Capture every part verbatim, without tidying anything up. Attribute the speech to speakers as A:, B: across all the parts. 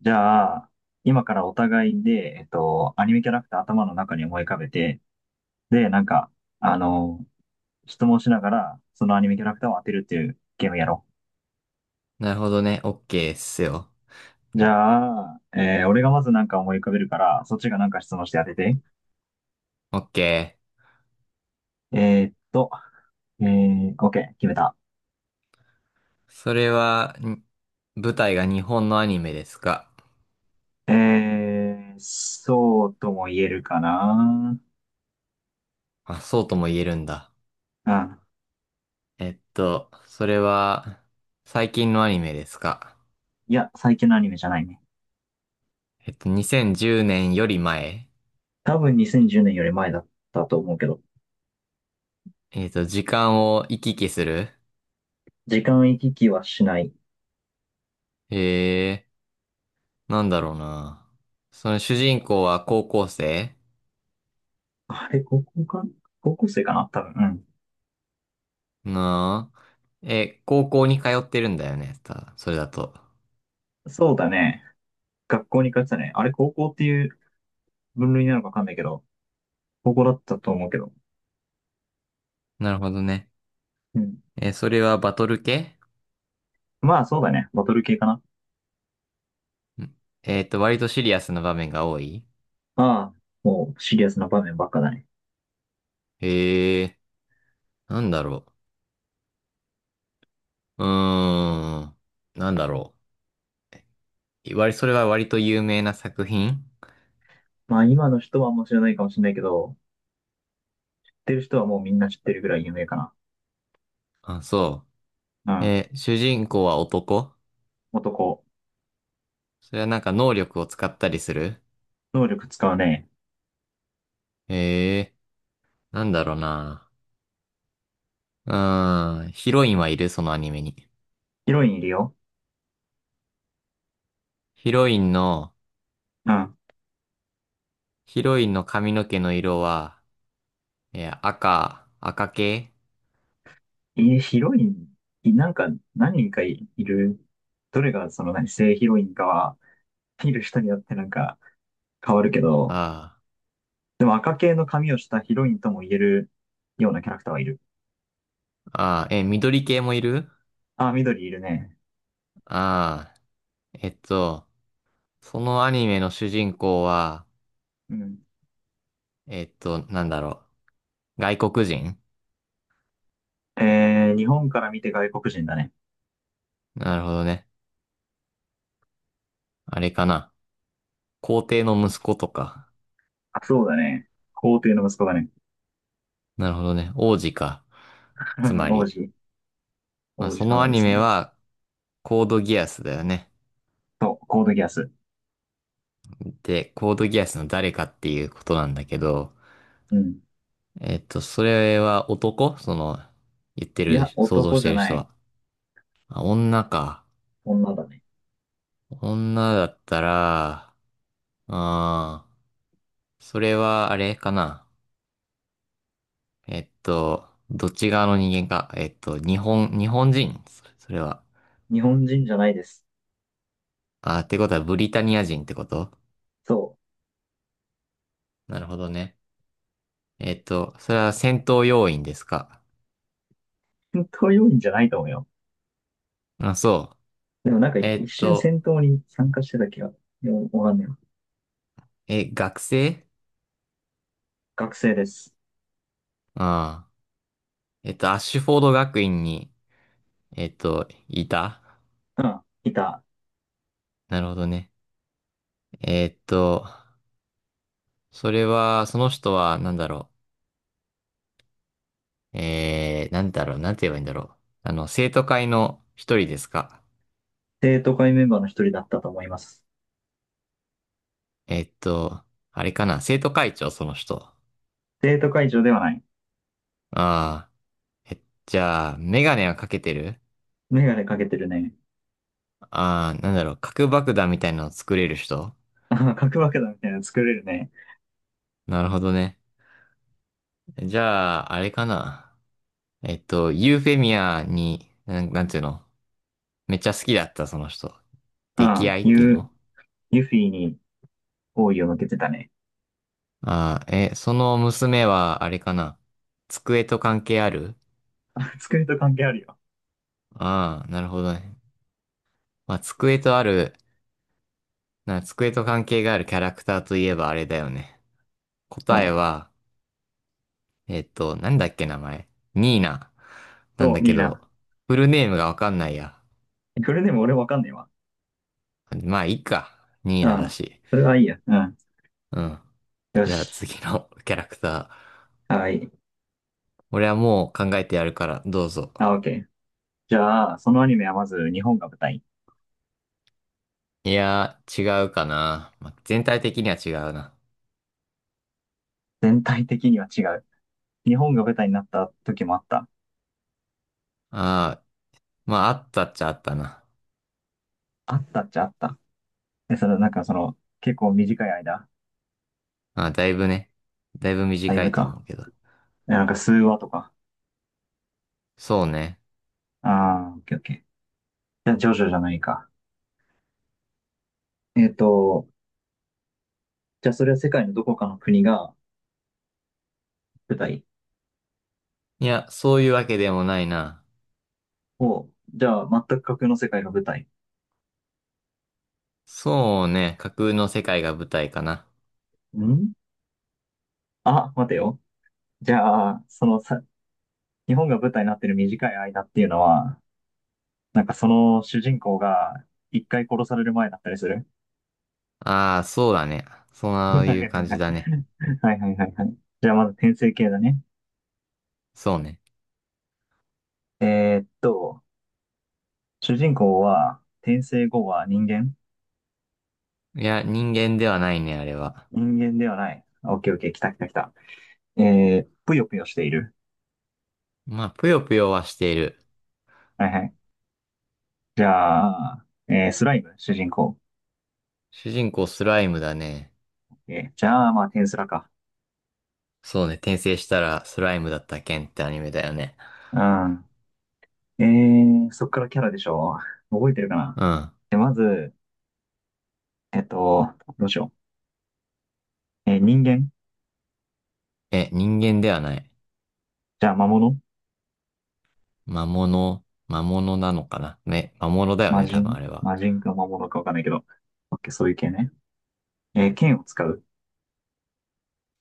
A: じゃあ、今からお互いで、えっと、アニメキャラクター頭の中に思い浮かべて、で、なんか、あの、質問しながら、そのアニメキャラクターを当てるっていうゲームやろ
B: なるほどね。オッケーっすよ。
A: う。じゃあ、えー俺がまずなんか思い浮かべるから、そっちがなんか質問して当てて。
B: オッケ
A: えーっと、えー、OK、決めた。
B: ー。それは、ん舞台が日本のアニメですか？
A: えー、そうとも言えるかな。
B: あ、そうとも言えるんだ。
A: うん。
B: えっと、それは、最近のアニメですか？
A: いや、最近のアニメじゃないね。
B: えっと、にせんじゅうねんより前？
A: 多分にせんじゅうねんより前だったと思うけど、
B: えっと、時間を行き来する？
A: 時間行き来はしない。
B: ええー、なんだろうな。その主人公は高校生？
A: あれ、高校か高校生かな多分。
B: なあ。え、高校に通ってるんだよね。たそれだと。
A: うん。そうだね。学校に通ってたね。あれ、高校っていう分類なのかわかんないけど、高校だったと思うけど。
B: なるほどね。
A: うん。
B: え、それはバトル系？
A: まあ、そうだね。バトル系かな。
B: うん。えっと、割とシリアスな場面が多い？
A: ああ、もうシリアスな場面ばっかだね。
B: へえ、なんだろう。うーん、なんだろう。割、それは割と有名な作品？
A: まあ、今の人はもう知らないかもしれないけど、知ってる人はもうみんな知ってるぐらい有名か
B: あ、そ
A: な。
B: う。
A: うん。
B: えー主人公は男？
A: 男。
B: それはなんか能力を使ったりする？
A: 能力使うね。
B: へえ、なんだろうな。うーん、ヒロインはいるそのアニメに。
A: ヒロインいるよ。
B: ヒロインの、
A: うん。
B: ヒロインの髪の毛の色は、えー赤、赤系？
A: え、ヒロイン、いなんか何人かいる。どれがその何、正ヒロインかは、見る人によってなんか変わるけど、
B: あ
A: でも赤系の髪をしたヒロインとも言えるようなキャラクターはいる。
B: あ、ああ、えー緑系もいる？
A: あ、緑いるね。
B: ああ、えっと、そのアニメの主人公は、
A: うん。
B: えっと、なんだろう。外国人？
A: えー、日本から見て外国人だね。
B: なるほどね。あれかな。皇帝の息子とか。
A: あ、そうだね。皇帝の息子だね。
B: なるほどね。王子か。つ ま
A: 王
B: り、
A: 子、
B: まあ、
A: 王子
B: そのア
A: 様で
B: ニ
A: す
B: メ
A: ね。
B: は、コードギアスだよね。
A: そう、コードギアス。
B: で、コードギアスの誰かっていうことなんだけど、
A: うん。
B: えっと、それは男その、言って
A: い
B: る、
A: や、
B: 想像
A: 男
B: し
A: じ
B: て
A: ゃ
B: る
A: な
B: 人
A: い。
B: は。あ、女か。
A: 女だね。
B: 女だったら、あー、それはあれかな。えっと、どっち側の人間か。えっと、日本、日本人そそれは。
A: 日本人じゃないです。
B: あー、ってことはブリタニア人ってこと？
A: そう。
B: なるほどね。えっと、それは戦闘要員ですか？
A: 戦闘要員じゃないと思うよ。
B: あ、そ
A: でもなんか
B: う。え
A: 一
B: っ
A: 瞬
B: と、
A: 戦闘に参加してた気が、いやわかんないわ。
B: え、学生？
A: 学生です。
B: ああ。えっと、アッシュフォード学院に、えっと、いた？
A: うん、いた。
B: なるほどね。えっと、それは、その人は、なんだろう。えー、なんだろう、なんて言えばいいんだろう。あの、生徒会の一人ですか？
A: 生徒会メンバーの一人だったと思います。
B: えっと、あれかな、生徒会長、その人。
A: 生徒会長ではない。
B: ああ、え、じゃあ、メガネはかけてる？
A: メガネかけてるね。
B: ああ、なんだろう、核爆弾みたいなのを作れる人？
A: ああ、核爆弾みたいなの作れるね。
B: なるほどね。じゃあ、あれかな。えっと、ユーフェミアに、なん、なんていうの？めっちゃ好きだった、その人。
A: あ
B: 溺
A: あ、
B: 愛っていう
A: ユ、
B: の？
A: ユフィに好意を向けてたね。
B: ああ、え、その娘は、あれかな。机と関係ある？
A: あ、作りと関係あるよ。
B: ああ、なるほどね。まあ、机とある、な、机と関係があるキャラクターといえばあれだよね。
A: お
B: 答え
A: う。
B: は、えっと、なんだっけ名前。ニーナ。なん
A: そう、
B: だけ
A: リー
B: ど、
A: ナ。
B: フルネームがわかんないや。
A: これでも俺わかんねえわ。
B: まあ、いいか。ニー
A: う
B: ナだ
A: ん。
B: し。
A: それはいいや。うん。
B: うん。
A: よ
B: じゃあ
A: し。
B: 次の キャラクター。
A: はい。
B: 俺はもう考えてやるから、どうぞ。
A: あ、オッケー。じゃあ、そのアニメはまず日本が舞台。
B: いやー、違うかな。まあ、全体的には違うな。
A: 全体的には違う。日本が舞台になった時もあった。
B: ああ、まあ、あったっちゃあったな。
A: あったっちゃあった。え、その、なんかその、結構短い間。
B: ああ、だいぶね。だいぶ
A: だい
B: 短
A: ぶ
B: いと
A: か。
B: 思うけど。
A: えなんか数話とか。
B: そうね。
A: ああ、オッケーオッケー。じゃあ、ジョジョじゃないか。えっと、じゃあそれは世界のどこかの国が舞台
B: いや、そういうわけでもないな。
A: を、じゃあ全く架空の世界が舞台。
B: そうね。架空の世界が舞台かな。
A: んあ、待てよ。じゃあ、そのさ、日本が舞台になってる短い間っていうのは、なんかその主人公が一回殺される前だったりする？
B: ああ、そうだね。そ ういう感じ
A: は
B: だ
A: い
B: ね。
A: はいはいはいはいはい。じゃあまず転生系だね。
B: そうね。
A: えーっと、主人公は転生後は人間？
B: いや、人間ではないね、あれは。
A: 人間ではない。あオッケーオッケー、来た来た来た。えー、ぷよぷよしている。
B: まあ、ぷよぷよはしている。
A: はいはい。じゃあ、えースライム、主人公。
B: 主人公スライムだね。
A: え、じゃあ、まあ、テンスラか。
B: そうね、転生したらスライムだったケンってアニメだよね。
A: うん。えー、そっからキャラでしょ。覚えてるかな。
B: うん。
A: で、まず、えっと、どうしよう。えー人間？
B: え、人間ではない。
A: じゃあ、魔物？
B: 魔物、魔物なのかな。ね、魔物だよ
A: 魔
B: ね、多分あ
A: 人
B: れは。
A: 魔人か魔物かわかんないけど。オッケー、そういう系ね。えー剣を使う？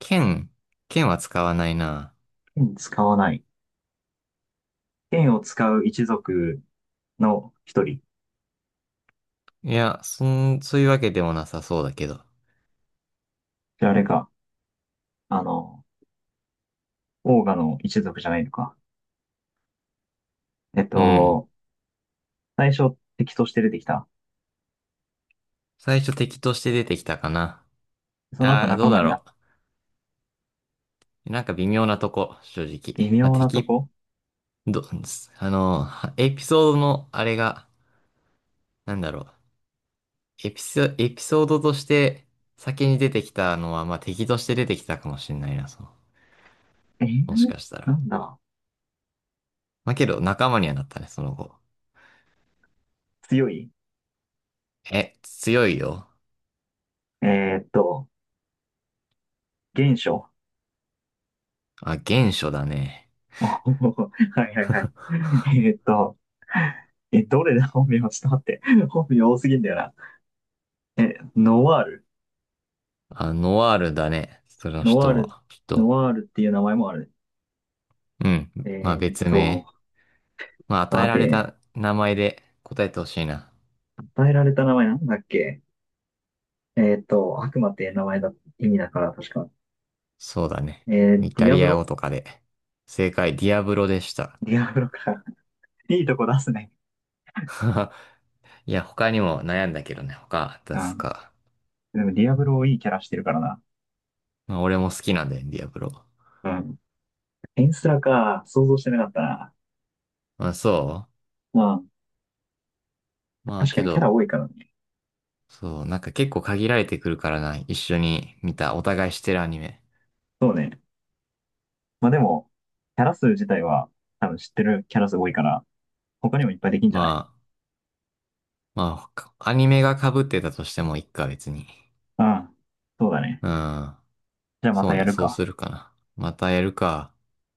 B: 剣、剣は使わないな。
A: 剣使わない。剣を使う一族の一人。
B: いや、そん、そういうわけでもなさそうだけど。
A: じゃあ、あれか。あの、オーガの一族じゃないのか。えっ
B: うん。
A: と、最初敵として出てきた。
B: 最初敵として出てきたかな。
A: その後
B: ああ、ど
A: 仲
B: う
A: 間
B: だ
A: になっ
B: ろ
A: た。
B: う。なんか微妙なとこ、正直。
A: 微
B: まあ、
A: 妙なと
B: 敵、
A: こ、
B: ど、あの、はエピソードのあれが、なんだろう。エピソ、エピソードとして先に出てきたのは、まあ、敵として出てきたかもしれないな、その。
A: えー、
B: もしかした
A: な
B: ら。
A: んだ。
B: まあ、けど仲間にはなったね、その後。
A: 強い？
B: え、強いよ。
A: えーっと、原初。
B: あ、原初だね。
A: はいはいはい。えーっと、え、どれだ。 本名ちょっと待って。本名多すぎんだよな。え、ノワール。
B: あ、ノワールだね。その
A: ノワー
B: 人
A: ル、
B: は。きっ
A: ノ
B: と。
A: ワールっていう名前もある
B: うん。
A: ね。
B: まあ、
A: えーっ
B: 別
A: と、
B: 名。まあ、与え
A: 待
B: られ
A: て。
B: た名前で答えてほしいな。
A: 与えられた名前なんだっけ？えーっと、悪魔って名前だ、意味だから、確か。
B: そうだね。
A: えー
B: イ
A: デ
B: タ
A: ィア
B: リ
A: ブ
B: ア語
A: ロ。
B: とかで。正解、ディアブロでした。
A: ディアブロか。いいとこ出すね。
B: いや、他にも悩んだけどね、他
A: う
B: 出す
A: ん。
B: か。
A: でもディアブロいいキャラしてるからな。
B: まあ、俺も好きなんだよね、ディアブロ。
A: うん。エンスラか。想像してなかったな。
B: まあ、そ
A: まあ、
B: うまあ、
A: 確か
B: け
A: にキャラ
B: ど、
A: 多いからね。
B: そう、なんか結構限られてくるからな、一緒に見た、お互いしてるアニメ。
A: そうね。まあでも、キャラ数自体は、多分知ってるキャラ数多いから、他にもいっぱいできんじ
B: ま
A: ゃない？
B: あ、まあ、アニメが被ってたとしてもいいか、別に。
A: うん。そうだね。
B: うん。
A: じゃあま
B: そ
A: た
B: う
A: や
B: ね、
A: る
B: そう
A: か。
B: するかな。またやるか。